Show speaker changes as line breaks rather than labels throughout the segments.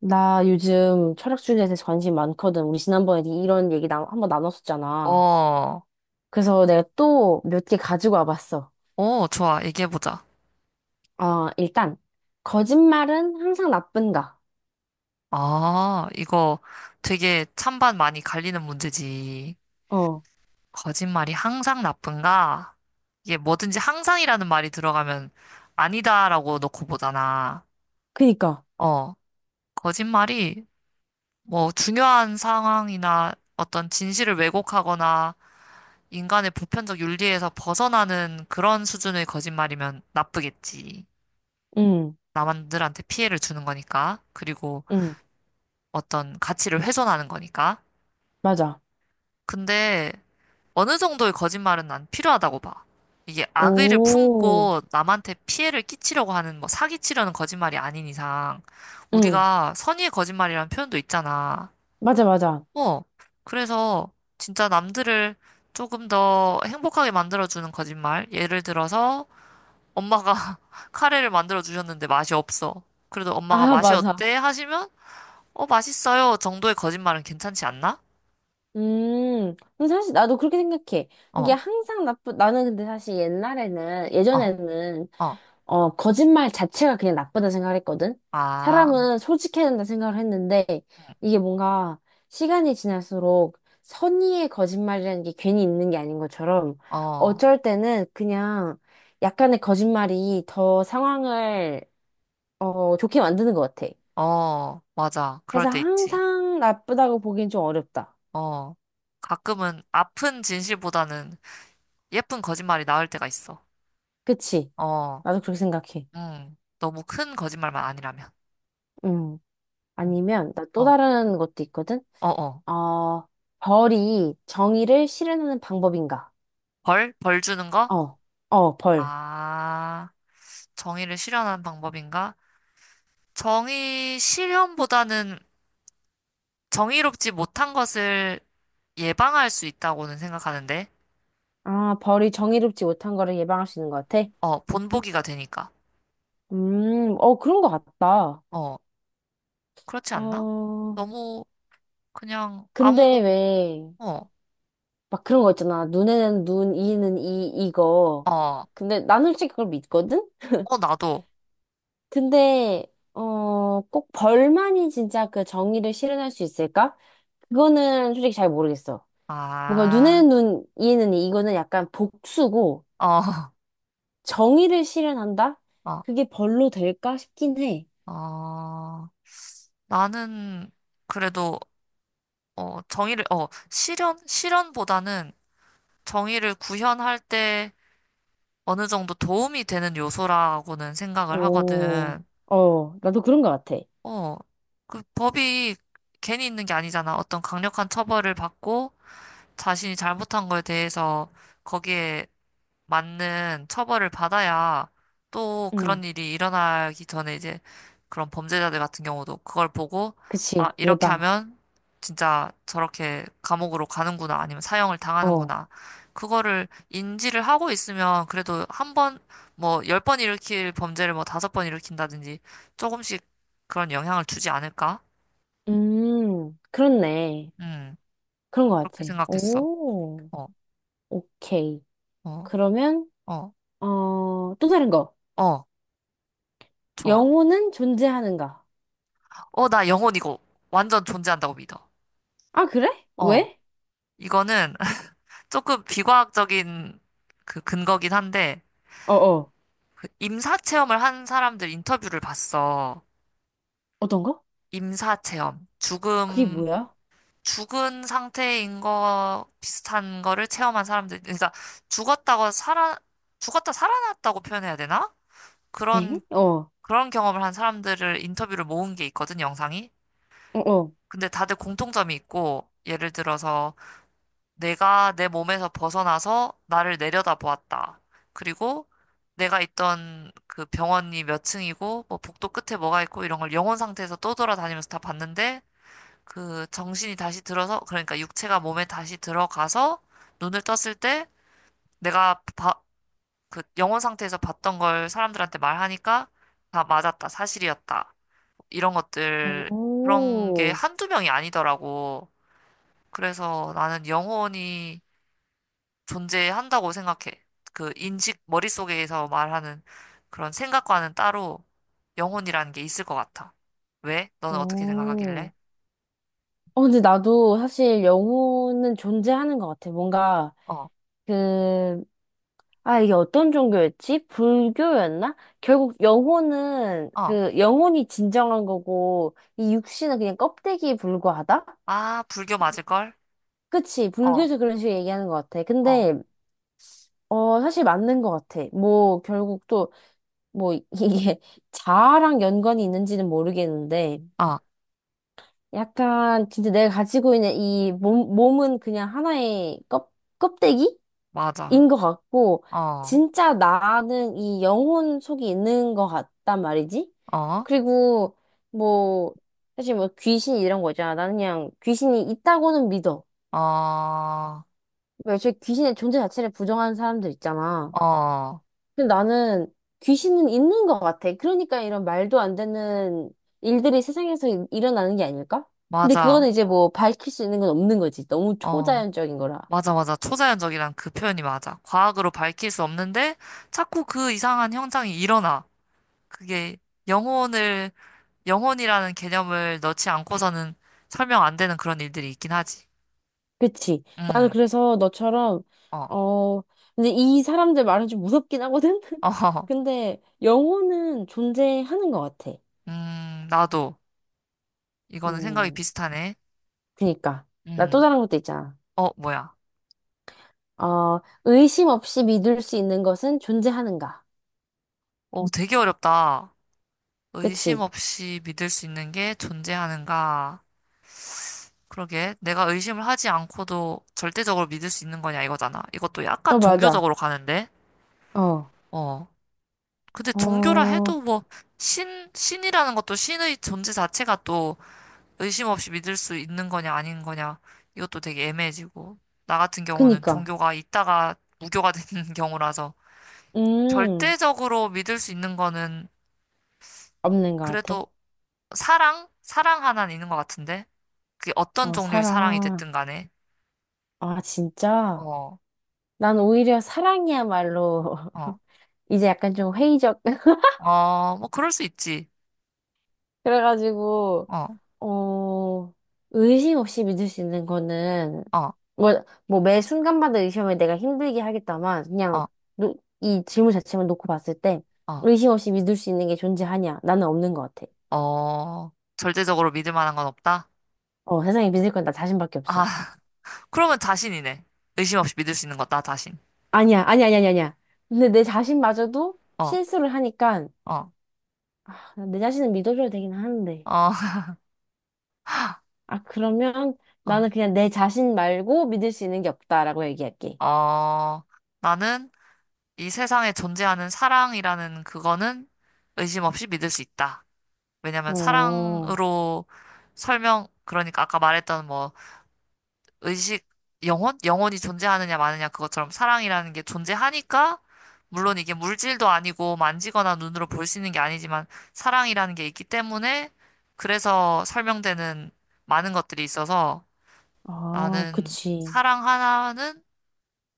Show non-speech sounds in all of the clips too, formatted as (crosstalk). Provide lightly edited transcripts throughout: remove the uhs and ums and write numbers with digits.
나 요즘 철학 주제에 대해서 관심 많거든. 우리 지난번에 이런 얘기 한번 나눴었잖아.
어,
그래서 내가 또 몇 개 가지고 와봤어.
어, 좋아. 얘기해보자.
어, 일단, 거짓말은 항상 나쁜가?
아, 이거 되게 찬반 많이 갈리는 문제지.
어,
거짓말이 항상 나쁜가? 이게 뭐든지 항상이라는 말이 들어가면 아니다라고 놓고 보잖아.
그니까.
어, 거짓말이 뭐 중요한 상황이나 어떤 진실을 왜곡하거나 인간의 보편적 윤리에서 벗어나는 그런 수준의 거짓말이면 나쁘겠지.
응,
남들한테 피해를 주는 거니까. 그리고
응,
어떤 가치를 훼손하는 거니까.
맞아.
근데 어느 정도의 거짓말은 난 필요하다고 봐. 이게 악의를
오,
품고 남한테 피해를 끼치려고 하는 뭐 사기치려는 거짓말이 아닌 이상
응,
우리가 선의의 거짓말이라는 표현도 있잖아.
맞아, 맞아.
어, 그래서 진짜 남들을 조금 더 행복하게 만들어주는 거짓말. 예를 들어서 엄마가 (laughs) 카레를 만들어 주셨는데 맛이 없어. 그래도 엄마가
아,
맛이
맞아.
어때? 하시면 어, 맛있어요 정도의 거짓말은 괜찮지 않나?
근데 사실 나도 그렇게 생각해. 이게
어.
항상 나는 근데 사실
어.
예전에는,
어,
거짓말 자체가 그냥 나쁘다 생각을 했거든?
아,
사람은 솔직해야 된다 생각을 했는데, 이게 뭔가 시간이 지날수록 선의의 거짓말이라는 게 괜히 있는 게 아닌 것처럼,
어,
어쩔 때는 그냥 약간의 거짓말이 더 상황을, 좋게 만드는 것 같아.
어, 맞아. 그럴
그래서
때 있지.
항상 나쁘다고 보기엔 좀 어렵다.
어, 가끔은 아픈 진실보다는 예쁜 거짓말이 나을 때가 있어.
그치?
어,
나도 그렇게 생각해.
응. 너무 큰 거짓말만 아니라면.
음.
응.
아니면 나 또
어,
다른 것도 있거든.
어, 어.
어, 벌이 정의를 실현하는 방법인가?
벌? 벌 주는 거?
어, 어, 벌.
아, 정의를 실현하는 방법인가? 정의 실현보다는 정의롭지 못한 것을 예방할 수 있다고는 생각하는데,
아, 벌이 정의롭지 못한 거를 예방할 수 있는 것 같아.
어, 본보기가 되니까.
어, 그런 것 같다.
어, 그렇지 않나?
어,
너무 그냥 아무,
근데 왜
어,
막 그런 거 있잖아. 눈에는 눈, 이에는 이, 이거.
어,
근데 나는 솔직히 그걸 믿거든.
어, 나도.
근데 꼭 벌만이 진짜 그 정의를 실현할 수 있을까? 그거는 솔직히 잘 모르겠어. 뭔가
아,
눈에는 눈, 이에는 이. 이거는 약간 복수고
어,
정의를 실현한다?
(laughs)
그게 벌로 될까 싶긴 해.
어, 어. 나는 그래도, 어, 정의를, 어, 실현보다는 정의를 구현할 때 어느 정도 도움이 되는 요소라고는 생각을
오,
하거든.
어, 나도 그런 것 같아.
어, 그 법이 괜히 있는 게 아니잖아. 어떤 강력한 처벌을 받고 자신이 잘못한 거에 대해서 거기에 맞는 처벌을 받아야 또
응,
그런 일이 일어나기 전에 이제 그런 범죄자들 같은 경우도 그걸 보고 아,
그치,
이렇게
예방.
하면 진짜 저렇게 감옥으로 가는구나 아니면 사형을
어,
당하는구나. 그거를 인지를 하고 있으면 그래도 한 번, 뭐, 10번 일으킬 범죄를 뭐 다섯 번 일으킨다든지 조금씩 그런 영향을 주지 않을까?
그렇네.
음,
그런 것
그렇게
같아.
생각했어.
오,
어,
오케이.
어,
그러면,
어,
또 다른 거.
어, 좋아.
영혼은 존재하는가?
어, 나 영혼 이거 완전 존재한다고 믿어.
아, 그래?
어.
왜?
이거는 (laughs) 조금 비과학적인 그 근거긴 한데,
어, 어.
그 임사 체험을 한 사람들 인터뷰를 봤어.
어떤 거?
임사 체험.
그게 뭐야?
죽은 상태인 거 비슷한 거를 체험한 사람들. 그러니까 죽었다고 살아, 죽었다 살아났다고 표현해야 되나?
에?
그런,
어,
그런 경험을 한 사람들을 인터뷰를 모은 게 있거든, 영상이.
어, 어.
근데 다들 공통점이 있고, 예를 들어서 내가 내 몸에서 벗어나서 나를 내려다보았다. 그리고 내가 있던 그 병원이 몇 층이고 뭐 복도 끝에 뭐가 있고 이런 걸 영혼 상태에서 떠돌아다니면서 다 봤는데 그 정신이 다시 들어서 그러니까 육체가 몸에 다시 들어가서 눈을 떴을 때 내가 봐- 그 영혼 상태에서 봤던 걸 사람들한테 말하니까 다 맞았다. 사실이었다. 이런 것들 그런 게
오,
한두 명이 아니더라고. 그래서 나는 영혼이 존재한다고 생각해. 그 인식, 머릿속에서 말하는 그런 생각과는 따로 영혼이라는 게 있을 것 같아. 왜? 너는 어떻게 생각하길래?
오. 어, 근데 나도 사실 영혼은 존재하는 것 같아. 뭔가,
어,
그, 아, 이게 어떤 종교였지? 불교였나? 결국
어.
영혼이 진정한 거고, 이 육신은 그냥 껍데기에 불과하다?
아, 불교 맞을걸?
그치.
어,
불교에서 그런 식으로 얘기하는 것 같아.
어,
근데, 어, 사실 맞는 것 같아. 뭐, 결국 또, 뭐, 이게 (laughs) 자아랑 연관이 있는지는 모르겠는데,
어.
약간, 진짜 내가 가지고 있는 이 몸은 그냥 하나의 껍데기?
맞아.
인 것 같고,
어,
진짜 나는 이 영혼 속이 있는 것 같단 말이지?
어,
그리고, 뭐, 사실 뭐 귀신 이런 거 있잖아. 나는 그냥 귀신이 있다고는 믿어.
어,
왜 애초에 귀신의 존재 자체를 부정하는 사람들 있잖아.
어.
근데 나는 귀신은 있는 것 같아. 그러니까 이런 말도 안 되는 일들이 세상에서 일어나는 게 아닐까? 근데
맞아.
그거는 이제 뭐 밝힐 수 있는 건 없는 거지. 너무
어.
초자연적인 거라.
맞아, 맞아. 초자연적이란 그 표현이 맞아. 과학으로 밝힐 수 없는데 자꾸 그 이상한 현상이 일어나. 그게 영혼을 영혼이라는 개념을 넣지 않고서는 설명 안 되는 그런 일들이 있긴 하지.
그치. 나는
음,
그래서 너처럼,
어, 어,
어, 근데 이 사람들 말은 좀 무섭긴 하거든? (laughs)
(laughs)
근데 영혼은 존재하는 것 같아.
나도. 이거는 생각이
음,
비슷하네.
그니까. 나 또
음,
다른 것도 있잖아.
어, 뭐야.
의심 없이 믿을 수 있는 것은 존재하는가.
오, 되게 어렵다. 의심
그치?
없이 믿을 수 있는 게 존재하는가. 그러게. 내가 의심을 하지 않고도 절대적으로 믿을 수 있는 거냐, 이거잖아. 이것도 약간
어, 맞아.
종교적으로 가는데.
어,
어. 근데 종교라
어,
해도 뭐, 신이라는 것도 신의 존재 자체가 또 의심 없이 믿을 수 있는 거냐 아닌 거냐 이것도 되게 애매해지고 나 같은 경우는
그니까.
종교가 있다가 무교가 (laughs) 되는 경우라서
음,
절대적으로 믿을 수 있는 거는
없는 것 같아.
그래도 사랑 하나는 있는 것 같은데 그게 어떤
어,
종류의 사랑이
사랑.
됐든 간에
아, 진짜.
어,
난 오히려 사랑이야말로
어,
(laughs) 이제 약간 좀 회의적.
어, 뭐 그럴 수 있지
그래가지고,
어,
어, 의심 없이 믿을 수 있는 거는,
어,
뭐, 뭐, 매 순간마다 의심을 내가 힘들게 하겠다만, 그냥,
어,
노, 이 질문 자체만 놓고 봤을 때,
어,
의심 없이 믿을 수 있는 게 존재하냐? 나는 없는 것 같아.
어 절대적으로 믿을 만한 건 없다?
어, 세상에 믿을 건 나 자신밖에 없어.
아,
어,
(laughs) 그러면 자신이네. 의심 없이 믿을 수 있는 것 나 자신.
아니야, 아니야, 아니야, 아니야. 아니야. 근데 내 자신마저도
어,
실수를 하니까,
어,
아, 내 자신은 믿어줘야 되긴 하는데.
어,
아, 그러면
(laughs) 어.
나는 그냥 내 자신 말고 믿을 수 있는 게 없다라고 얘기할게.
어, 나는 이 세상에 존재하는 사랑이라는 그거는 의심 없이 믿을 수 있다. 왜냐면
어.
사랑으로 설명, 그러니까 아까 말했던 뭐 의식, 영혼이 존재하느냐 마느냐 그것처럼 사랑이라는 게 존재하니까 물론 이게 물질도 아니고 만지거나 눈으로 볼 수 있는 게 아니지만 사랑이라는 게 있기 때문에 그래서 설명되는 많은 것들이 있어서
아,
나는
그치.
사랑 하나는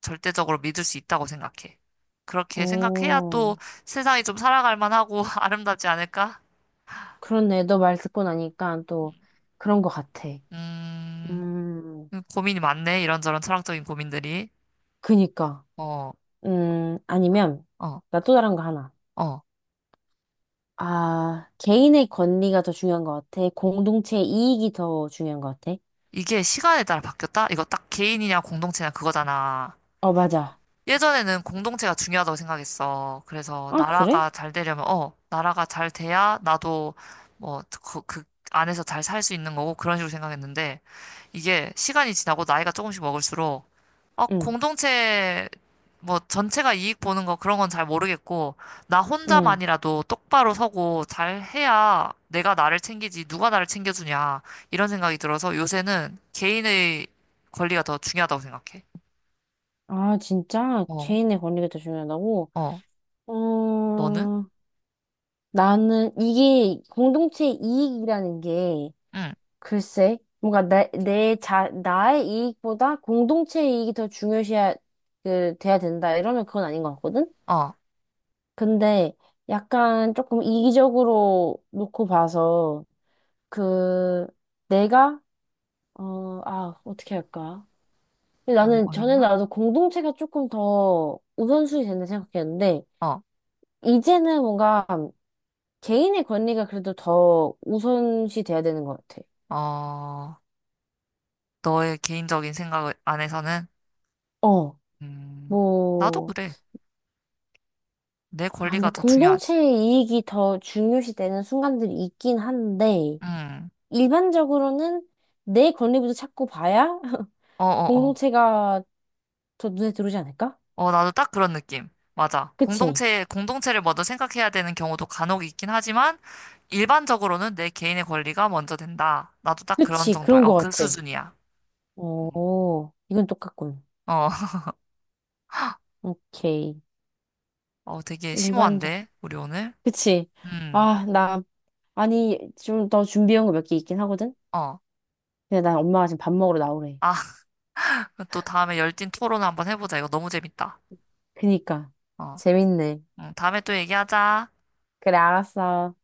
절대적으로 믿을 수 있다고 생각해. 그렇게 생각해야 또
오,
세상이 좀 살아갈 만하고 (laughs) 아름답지 않을까?
그렇네. 너 말 듣고 나니까 또 그런 것 같아.
음,
음,
고민이 많네. 이런저런 철학적인 고민들이.
그니까.
어,
아니면,
어,
나 또 다른 거 하나.
어.
아, 개인의 권리가 더 중요한 것 같아. 공동체의 이익이 더 중요한 것 같아.
이게 시간에 따라 바뀌었다? 이거 딱 개인이냐 공동체냐 그거잖아.
어, 맞아.
예전에는 공동체가 중요하다고 생각했어. 그래서
아,
나라가
그래?
잘 되려면, 어, 나라가 잘 돼야 나도 뭐, 그 안에서 잘 살 수 있는 거고, 그런 식으로 생각했는데, 이게 시간이 지나고 나이가 조금씩 먹을수록, 어,
응,
공동체, 뭐, 전체가 이익 보는 거 그런 건 잘 모르겠고, 나
응.
혼자만이라도 똑바로 서고 잘 해야 내가 나를 챙기지, 누가 나를 챙겨주냐, 이런 생각이 들어서 요새는 개인의 권리가 더 중요하다고 생각해.
아, 진짜?
어,
개인의 권리가 더 중요하다고?
어,
어,
너는?
나는 이게 공동체의 이익이라는 게
응,
글쎄, 뭔가 나의 이익보다 공동체의 이익이 더 중요시해야, 그, 돼야 된다. 이러면 그건 아닌 것 같거든?
어,
근데 약간 조금 이기적으로 놓고 봐서, 그, 내가, 아, 어떻게 할까? 근데
너무
나는, 전에
어렵나?
나도 공동체가 조금 더 우선순위 된다 생각했는데,
어,
이제는 뭔가 개인의 권리가 그래도 더 우선시 돼야 되는 것 같아.
어, 너의 개인적인 생각 안에서는,
어,
음, 나도
뭐,
그래. 내
아, 근데
권리가 더 중요하지.
공동체의 이익이 더 중요시 되는 순간들이 있긴 한데,
응,
일반적으로는 내 권리부터 찾고 봐야 (laughs)
어, 어, 어.
공동체가 더 눈에 들어오지 않을까?
어, 나도 딱 그런 느낌. 맞아.
그치?
공동체를 먼저 생각해야 되는 경우도 간혹 있긴 하지만, 일반적으로는 내 개인의 권리가 먼저 된다. 나도 딱 그런
그치,
정도야.
그런
어,
것
그
같아.
수준이야. 음.
오, 이건 똑같군.
어, (laughs)
오케이.
어, 되게
일반적.
심오한데, 우리 오늘?
그치?
음,
아, 나, 아니, 좀 더 준비한 거 몇 개 있긴 하거든?
어.
근데 난 엄마가 지금 밥 먹으러 나오래.
아, (laughs) 또 다음에 열띤 토론 한번 해보자. 이거 너무 재밌다.
그니까.
어.
재밌네.
응, 다음에 또 얘기하자.
그래, 알았어.